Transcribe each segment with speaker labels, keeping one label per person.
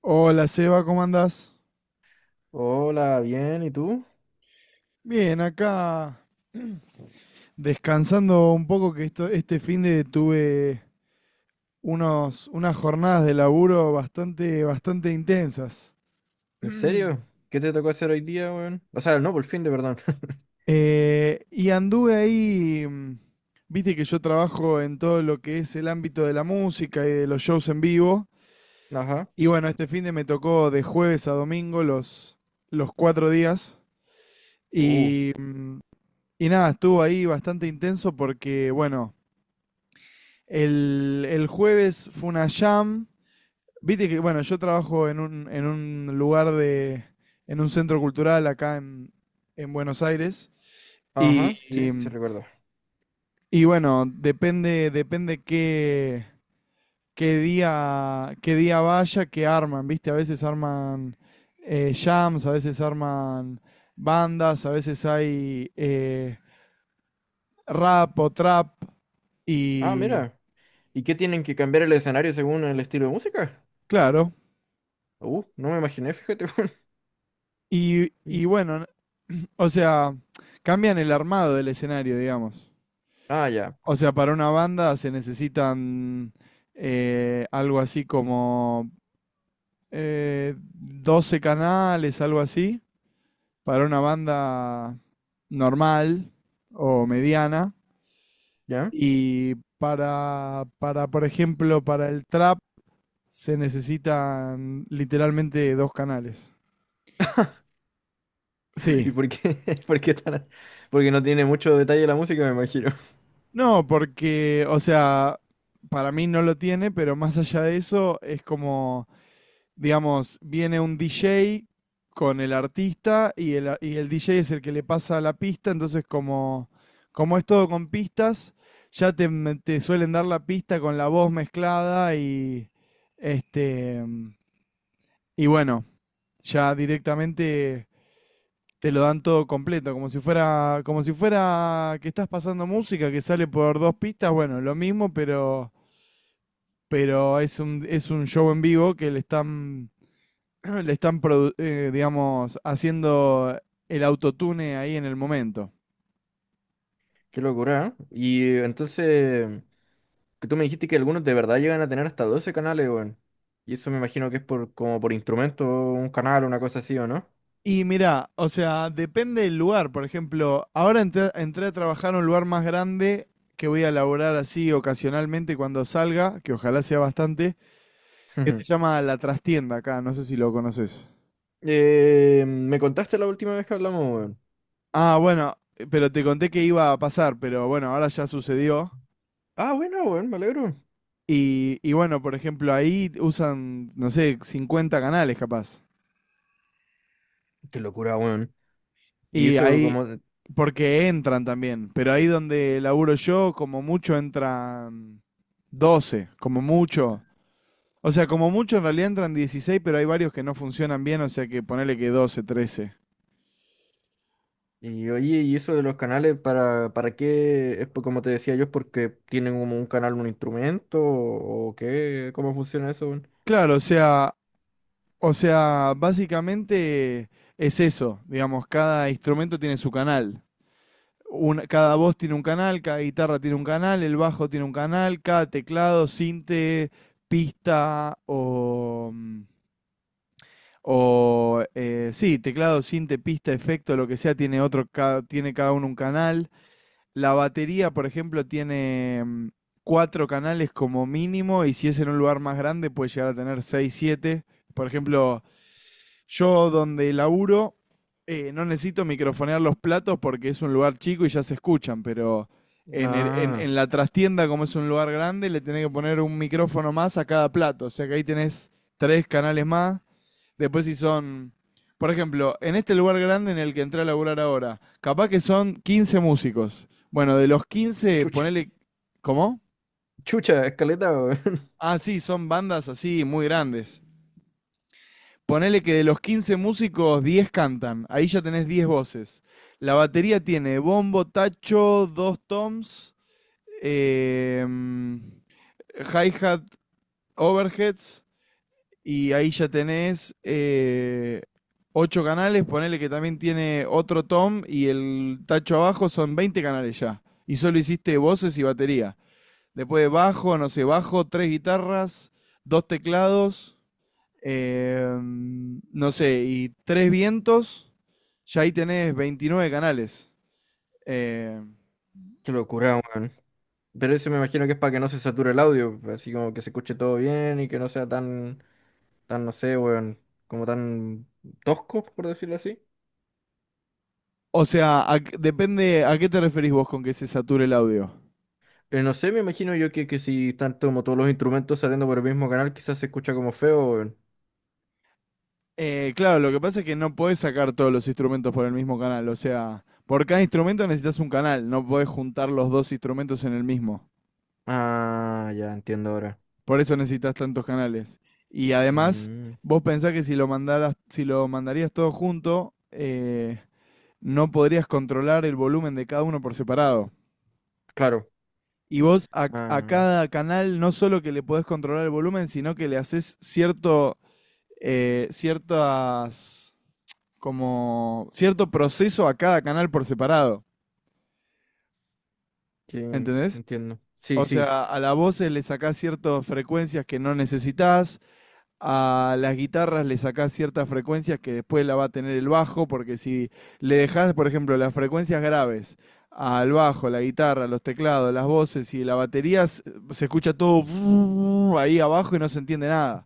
Speaker 1: Hola Seba, ¿cómo andás?
Speaker 2: Hola, bien, ¿y tú?
Speaker 1: Bien, acá descansando un poco que este fin de tuve unas jornadas de laburo bastante, bastante intensas.
Speaker 2: ¿En serio? ¿Qué te tocó hacer hoy día, weón? O sea, no, por fin de perdón.
Speaker 1: Y anduve ahí, viste que yo trabajo en todo lo que es el ámbito de la música y de los shows en vivo.
Speaker 2: Ajá.
Speaker 1: Y bueno, este fin de me tocó de jueves a domingo los 4 días.
Speaker 2: Uh.
Speaker 1: Y, y nada, estuvo ahí bastante intenso porque, bueno, el jueves fue una jam. Viste que, bueno, yo trabajo en un centro cultural acá en Buenos Aires. Y,
Speaker 2: Ajá, sí,
Speaker 1: y,
Speaker 2: sí recuerdo.
Speaker 1: y bueno, depende qué día vaya, que arman, ¿viste? A veces arman jams, a veces arman bandas, a veces hay rap o trap.
Speaker 2: Ah,
Speaker 1: Y
Speaker 2: mira. ¿Y qué tienen que cambiar el escenario según el estilo de música?
Speaker 1: claro,
Speaker 2: No me imaginé, fíjate, weón. Mm.
Speaker 1: y bueno, o sea, cambian el armado del escenario, digamos.
Speaker 2: Ah, ya.
Speaker 1: O sea, para una banda se necesitan algo así como 12 canales, algo así, para una banda normal o mediana.
Speaker 2: ¿Ya?
Speaker 1: Y por ejemplo, para el trap se necesitan literalmente dos canales. Sí.
Speaker 2: ¿Y por qué? ¿Por qué tan... Porque no tiene mucho detalle la música, me imagino.
Speaker 1: No, porque, o sea, para mí no lo tiene, pero más allá de eso es como... digamos, viene un DJ con el artista y el DJ es el que le pasa la pista, entonces como es todo con pistas, ya te suelen dar la pista con la voz mezclada y este y bueno, ya directamente te lo dan todo completo, como si fuera que estás pasando música que sale por dos pistas, bueno, lo mismo, pero es un, show en vivo que le están, digamos, haciendo el autotune ahí en el momento.
Speaker 2: Qué locura, ¿eh? Y entonces, que tú me dijiste que algunos de verdad llegan a tener hasta 12 canales, weón. Y eso me imagino que es por como por instrumento, un canal, una cosa así, ¿o no?
Speaker 1: Y mirá, o sea, depende del lugar. Por ejemplo, ahora entré a trabajar a un lugar más grande que voy a laburar así ocasionalmente cuando salga, que ojalá sea bastante, que se llama La Trastienda acá, no sé si lo conoces.
Speaker 2: Me contaste la última vez que hablamos, weón.
Speaker 1: Ah, bueno, pero te conté que iba a pasar, pero bueno, ahora ya sucedió.
Speaker 2: Ah, bueno, weón, me alegro.
Speaker 1: Y bueno, por ejemplo, ahí usan, no sé, 50 canales capaz.
Speaker 2: Qué locura, weón. Y
Speaker 1: Y
Speaker 2: eso
Speaker 1: ahí,
Speaker 2: como...
Speaker 1: porque entran también, pero ahí donde laburo yo, como mucho entran 12, como mucho. O sea, como mucho en realidad entran 16, pero hay varios que no funcionan bien, o sea que ponele que 12, 13.
Speaker 2: Y oye, y eso de los canales, para qué? Es por- como te decía yo, es porque tienen como un canal, un instrumento, o qué, ¿cómo funciona eso, weón?
Speaker 1: Claro, o sea, básicamente es eso, digamos, cada instrumento tiene su canal. Cada voz tiene un canal, cada guitarra tiene un canal, el bajo tiene un canal, cada teclado, sinte, pista o teclado, sinte, pista, efecto, lo que sea, tiene tiene cada uno un canal. La batería, por ejemplo, tiene cuatro canales como mínimo y si es en un lugar más grande puede llegar a tener seis, siete. Por ejemplo, yo donde laburo no necesito microfonear los platos porque es un lugar chico y ya se escuchan, pero
Speaker 2: Ah,
Speaker 1: en la trastienda, como es un lugar grande, le tenés que poner un micrófono más a cada plato. O sea que ahí tenés tres canales más. Después si son, por ejemplo, en este lugar grande en el que entré a laburar ahora, capaz que son 15 músicos. Bueno, de los 15
Speaker 2: chucha,
Speaker 1: ponele... ¿Cómo?
Speaker 2: chucha, escaleta, weón.
Speaker 1: Ah, sí, son bandas así muy grandes. Ponele que de los 15 músicos, 10 cantan. Ahí ya tenés 10 voces. La batería tiene bombo, tacho, dos toms, eh, hi-hat, overheads. Y ahí ya tenés 8 canales. Ponele que también tiene otro tom y el tacho abajo. Son 20 canales ya. Y solo hiciste voces y batería. Después bajo, no sé, bajo, tres guitarras, dos teclados no sé, y Tres Vientos, ya ahí tenés 29 canales. Eh,
Speaker 2: Qué locura, weón. Pero eso me imagino que es para que no se sature el audio, así como que se escuche todo bien y que no sea tan, no sé, weón, como tan tosco, por decirlo así.
Speaker 1: o sea, a depende a qué te referís vos con que se sature el audio.
Speaker 2: No sé, me imagino yo que si están como todos los instrumentos saliendo por el mismo canal, quizás se escucha como feo, weón.
Speaker 1: Claro, lo que pasa es que no podés sacar todos los instrumentos por el mismo canal. O sea, por cada instrumento necesitas un canal, no podés juntar los dos instrumentos en el mismo.
Speaker 2: Ah, ya entiendo ahora.
Speaker 1: Por eso necesitas tantos canales. Y además,
Speaker 2: Mm,
Speaker 1: vos pensás que si lo mandaras, si lo mandarías todo junto, no podrías controlar el volumen de cada uno por separado.
Speaker 2: claro.
Speaker 1: Y vos a
Speaker 2: Ah,
Speaker 1: cada canal no solo que le podés controlar el volumen, sino que le haces cierto, ciertas, como, cierto proceso a cada canal por separado,
Speaker 2: sí,
Speaker 1: ¿entendés?
Speaker 2: entiendo. Sí,
Speaker 1: O
Speaker 2: sí,
Speaker 1: sea, a la voz le sacás ciertas frecuencias que no necesitas a las guitarras le sacás ciertas frecuencias que después la va a tener el bajo, porque si le dejás, por ejemplo, las frecuencias graves al bajo, la guitarra, los teclados, las voces y la batería, se escucha todo ahí abajo y no se entiende nada.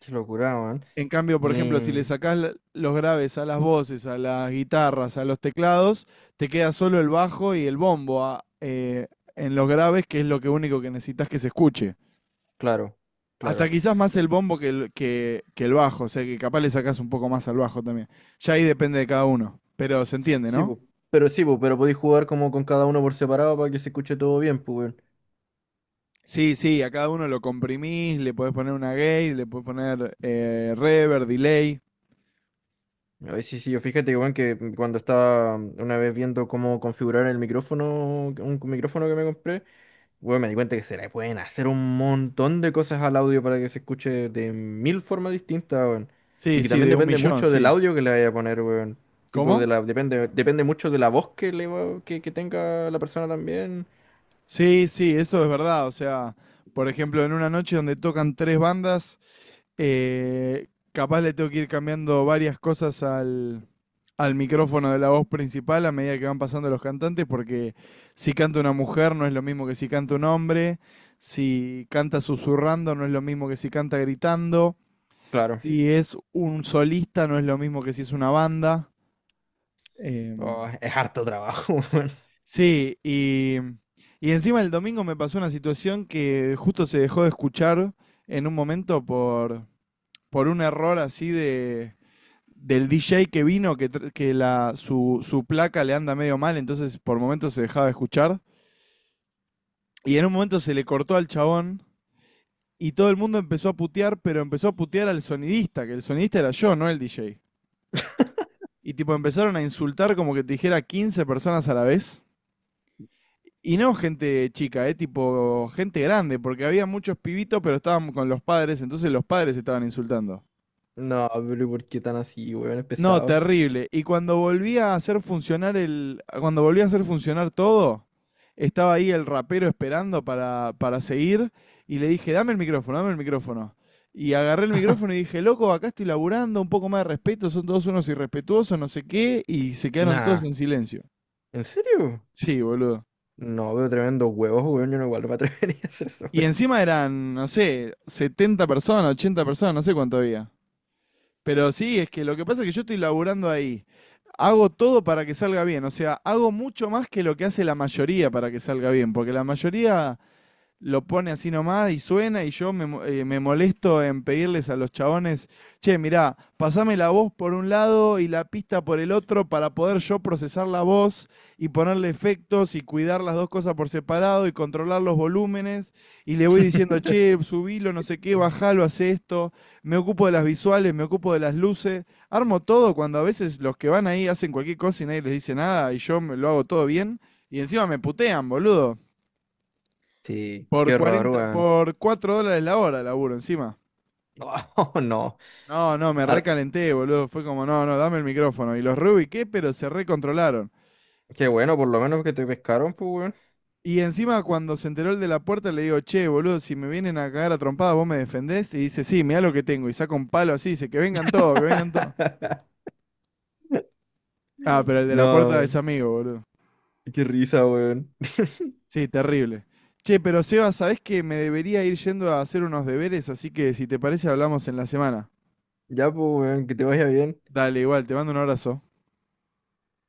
Speaker 2: qué locura, weón.
Speaker 1: En cambio, por
Speaker 2: Y
Speaker 1: ejemplo, si le sacás los graves a las voces, a las guitarras, a los teclados, te queda solo el bajo y el bombo en los graves, que es lo que único que necesitas que se escuche.
Speaker 2: claro,
Speaker 1: Hasta
Speaker 2: claro.
Speaker 1: quizás más el bombo que el bajo, o sea que capaz le sacás un poco más al bajo también. Ya ahí depende de cada uno, pero se entiende,
Speaker 2: Sí,
Speaker 1: ¿no?
Speaker 2: po, sí, po, pero podéis jugar como con cada uno por separado para que se escuche todo bien, pues.
Speaker 1: Sí, sí, a cada uno lo comprimís, le podés poner una gate, le podés poner reverb, delay.
Speaker 2: Ay, sí, sí, yo fíjate que, bueno, que cuando estaba una vez viendo cómo configurar el micrófono, un micrófono que me compré, bueno, me di cuenta que se le pueden hacer un montón de cosas al audio para que se escuche de mil formas distintas, weón. Y
Speaker 1: Sí,
Speaker 2: que
Speaker 1: sí,
Speaker 2: también
Speaker 1: de un
Speaker 2: depende
Speaker 1: millón,
Speaker 2: mucho del
Speaker 1: sí.
Speaker 2: audio que le vaya a poner, weón. Tipo
Speaker 1: ¿Cómo?
Speaker 2: de la, depende mucho de la voz que le va- que tenga la persona también.
Speaker 1: Sí, sí, eso es verdad. O sea, por ejemplo, en una noche donde tocan tres bandas, capaz le tengo que ir cambiando varias cosas al, al micrófono de la voz principal a medida que van pasando los cantantes, porque si canta una mujer no es lo mismo que si canta un hombre, si canta susurrando no es lo mismo que si canta gritando,
Speaker 2: Claro.
Speaker 1: si es un solista no es lo mismo que si es una banda. Em,
Speaker 2: Oh, es harto trabajo, weón.
Speaker 1: sí, y encima el domingo me pasó una situación que justo se dejó de escuchar en un momento por un error así de del DJ que vino, que su placa le anda medio mal, entonces por momentos se dejaba de escuchar. Y en un momento se le cortó al chabón y todo el mundo empezó a putear, pero empezó a putear al sonidista, que el sonidista era yo, no el DJ. Y tipo empezaron a insultar como que te dijera 15 personas a la vez. Y no gente chica, tipo gente grande, porque había muchos pibitos, pero estaban con los padres, entonces los padres estaban insultando.
Speaker 2: No, pero ¿por qué tan así, weón? Es
Speaker 1: No,
Speaker 2: pesado.
Speaker 1: terrible. Y cuando volví a hacer funcionar el, cuando volví a hacer funcionar todo, estaba ahí el rapero esperando para seguir y le dije, dame el micrófono, dame el micrófono. Y agarré el micrófono y dije, loco, acá estoy laburando, un poco más de respeto, son todos unos irrespetuosos, no sé qué, y se quedaron todos
Speaker 2: Nah.
Speaker 1: en silencio.
Speaker 2: ¿En serio?
Speaker 1: Sí, boludo.
Speaker 2: No, veo tremendo huevos, weón. Yo no igual no me atrevería a hacer eso,
Speaker 1: Y
Speaker 2: weón.
Speaker 1: encima eran, no sé, 70 personas, 80 personas, no sé cuánto había. Pero sí, es que lo que pasa es que yo estoy laburando ahí. Hago todo para que salga bien, o sea, hago mucho más que lo que hace la mayoría para que salga bien, porque la mayoría lo pone así nomás y suena y yo me, me molesto en pedirles a los chabones, che, mirá, pasame la voz por un lado y la pista por el otro para poder yo procesar la voz y ponerle efectos y cuidar las dos cosas por separado y controlar los volúmenes y le voy diciendo, che, subilo, no sé qué, bajalo, hace esto, me ocupo de las visuales, me ocupo de las luces, armo todo cuando a veces los que van ahí hacen cualquier cosa y nadie les dice nada y yo me lo hago todo bien y encima me putean, boludo.
Speaker 2: Sí,
Speaker 1: Por
Speaker 2: qué horror,
Speaker 1: 40
Speaker 2: weón.
Speaker 1: por 4 dólares la hora laburo encima.
Speaker 2: Oh, no.
Speaker 1: No, no, me
Speaker 2: Ar-
Speaker 1: recalenté, boludo. Fue como, no, no, dame el micrófono. Y los reubiqué, pero se recontrolaron.
Speaker 2: qué bueno, por lo menos que te pescaron, pues, weón.
Speaker 1: Y encima cuando se enteró el de la puerta le digo, che, boludo, si me vienen a cagar a trompada, vos me defendés. Y dice, sí, mirá lo que tengo. Y saca un palo así, dice, que vengan todos, que vengan todos. Ah, pero el de la puerta es
Speaker 2: No,
Speaker 1: amigo, boludo.
Speaker 2: qué risa, weón.
Speaker 1: Sí, terrible. Che, pero Seba, ¿sabés que me debería ir yendo a hacer unos deberes? Así que si te parece hablamos en la semana.
Speaker 2: Ya, pues, weón, que te vaya bien.
Speaker 1: Dale, igual, te mando un abrazo.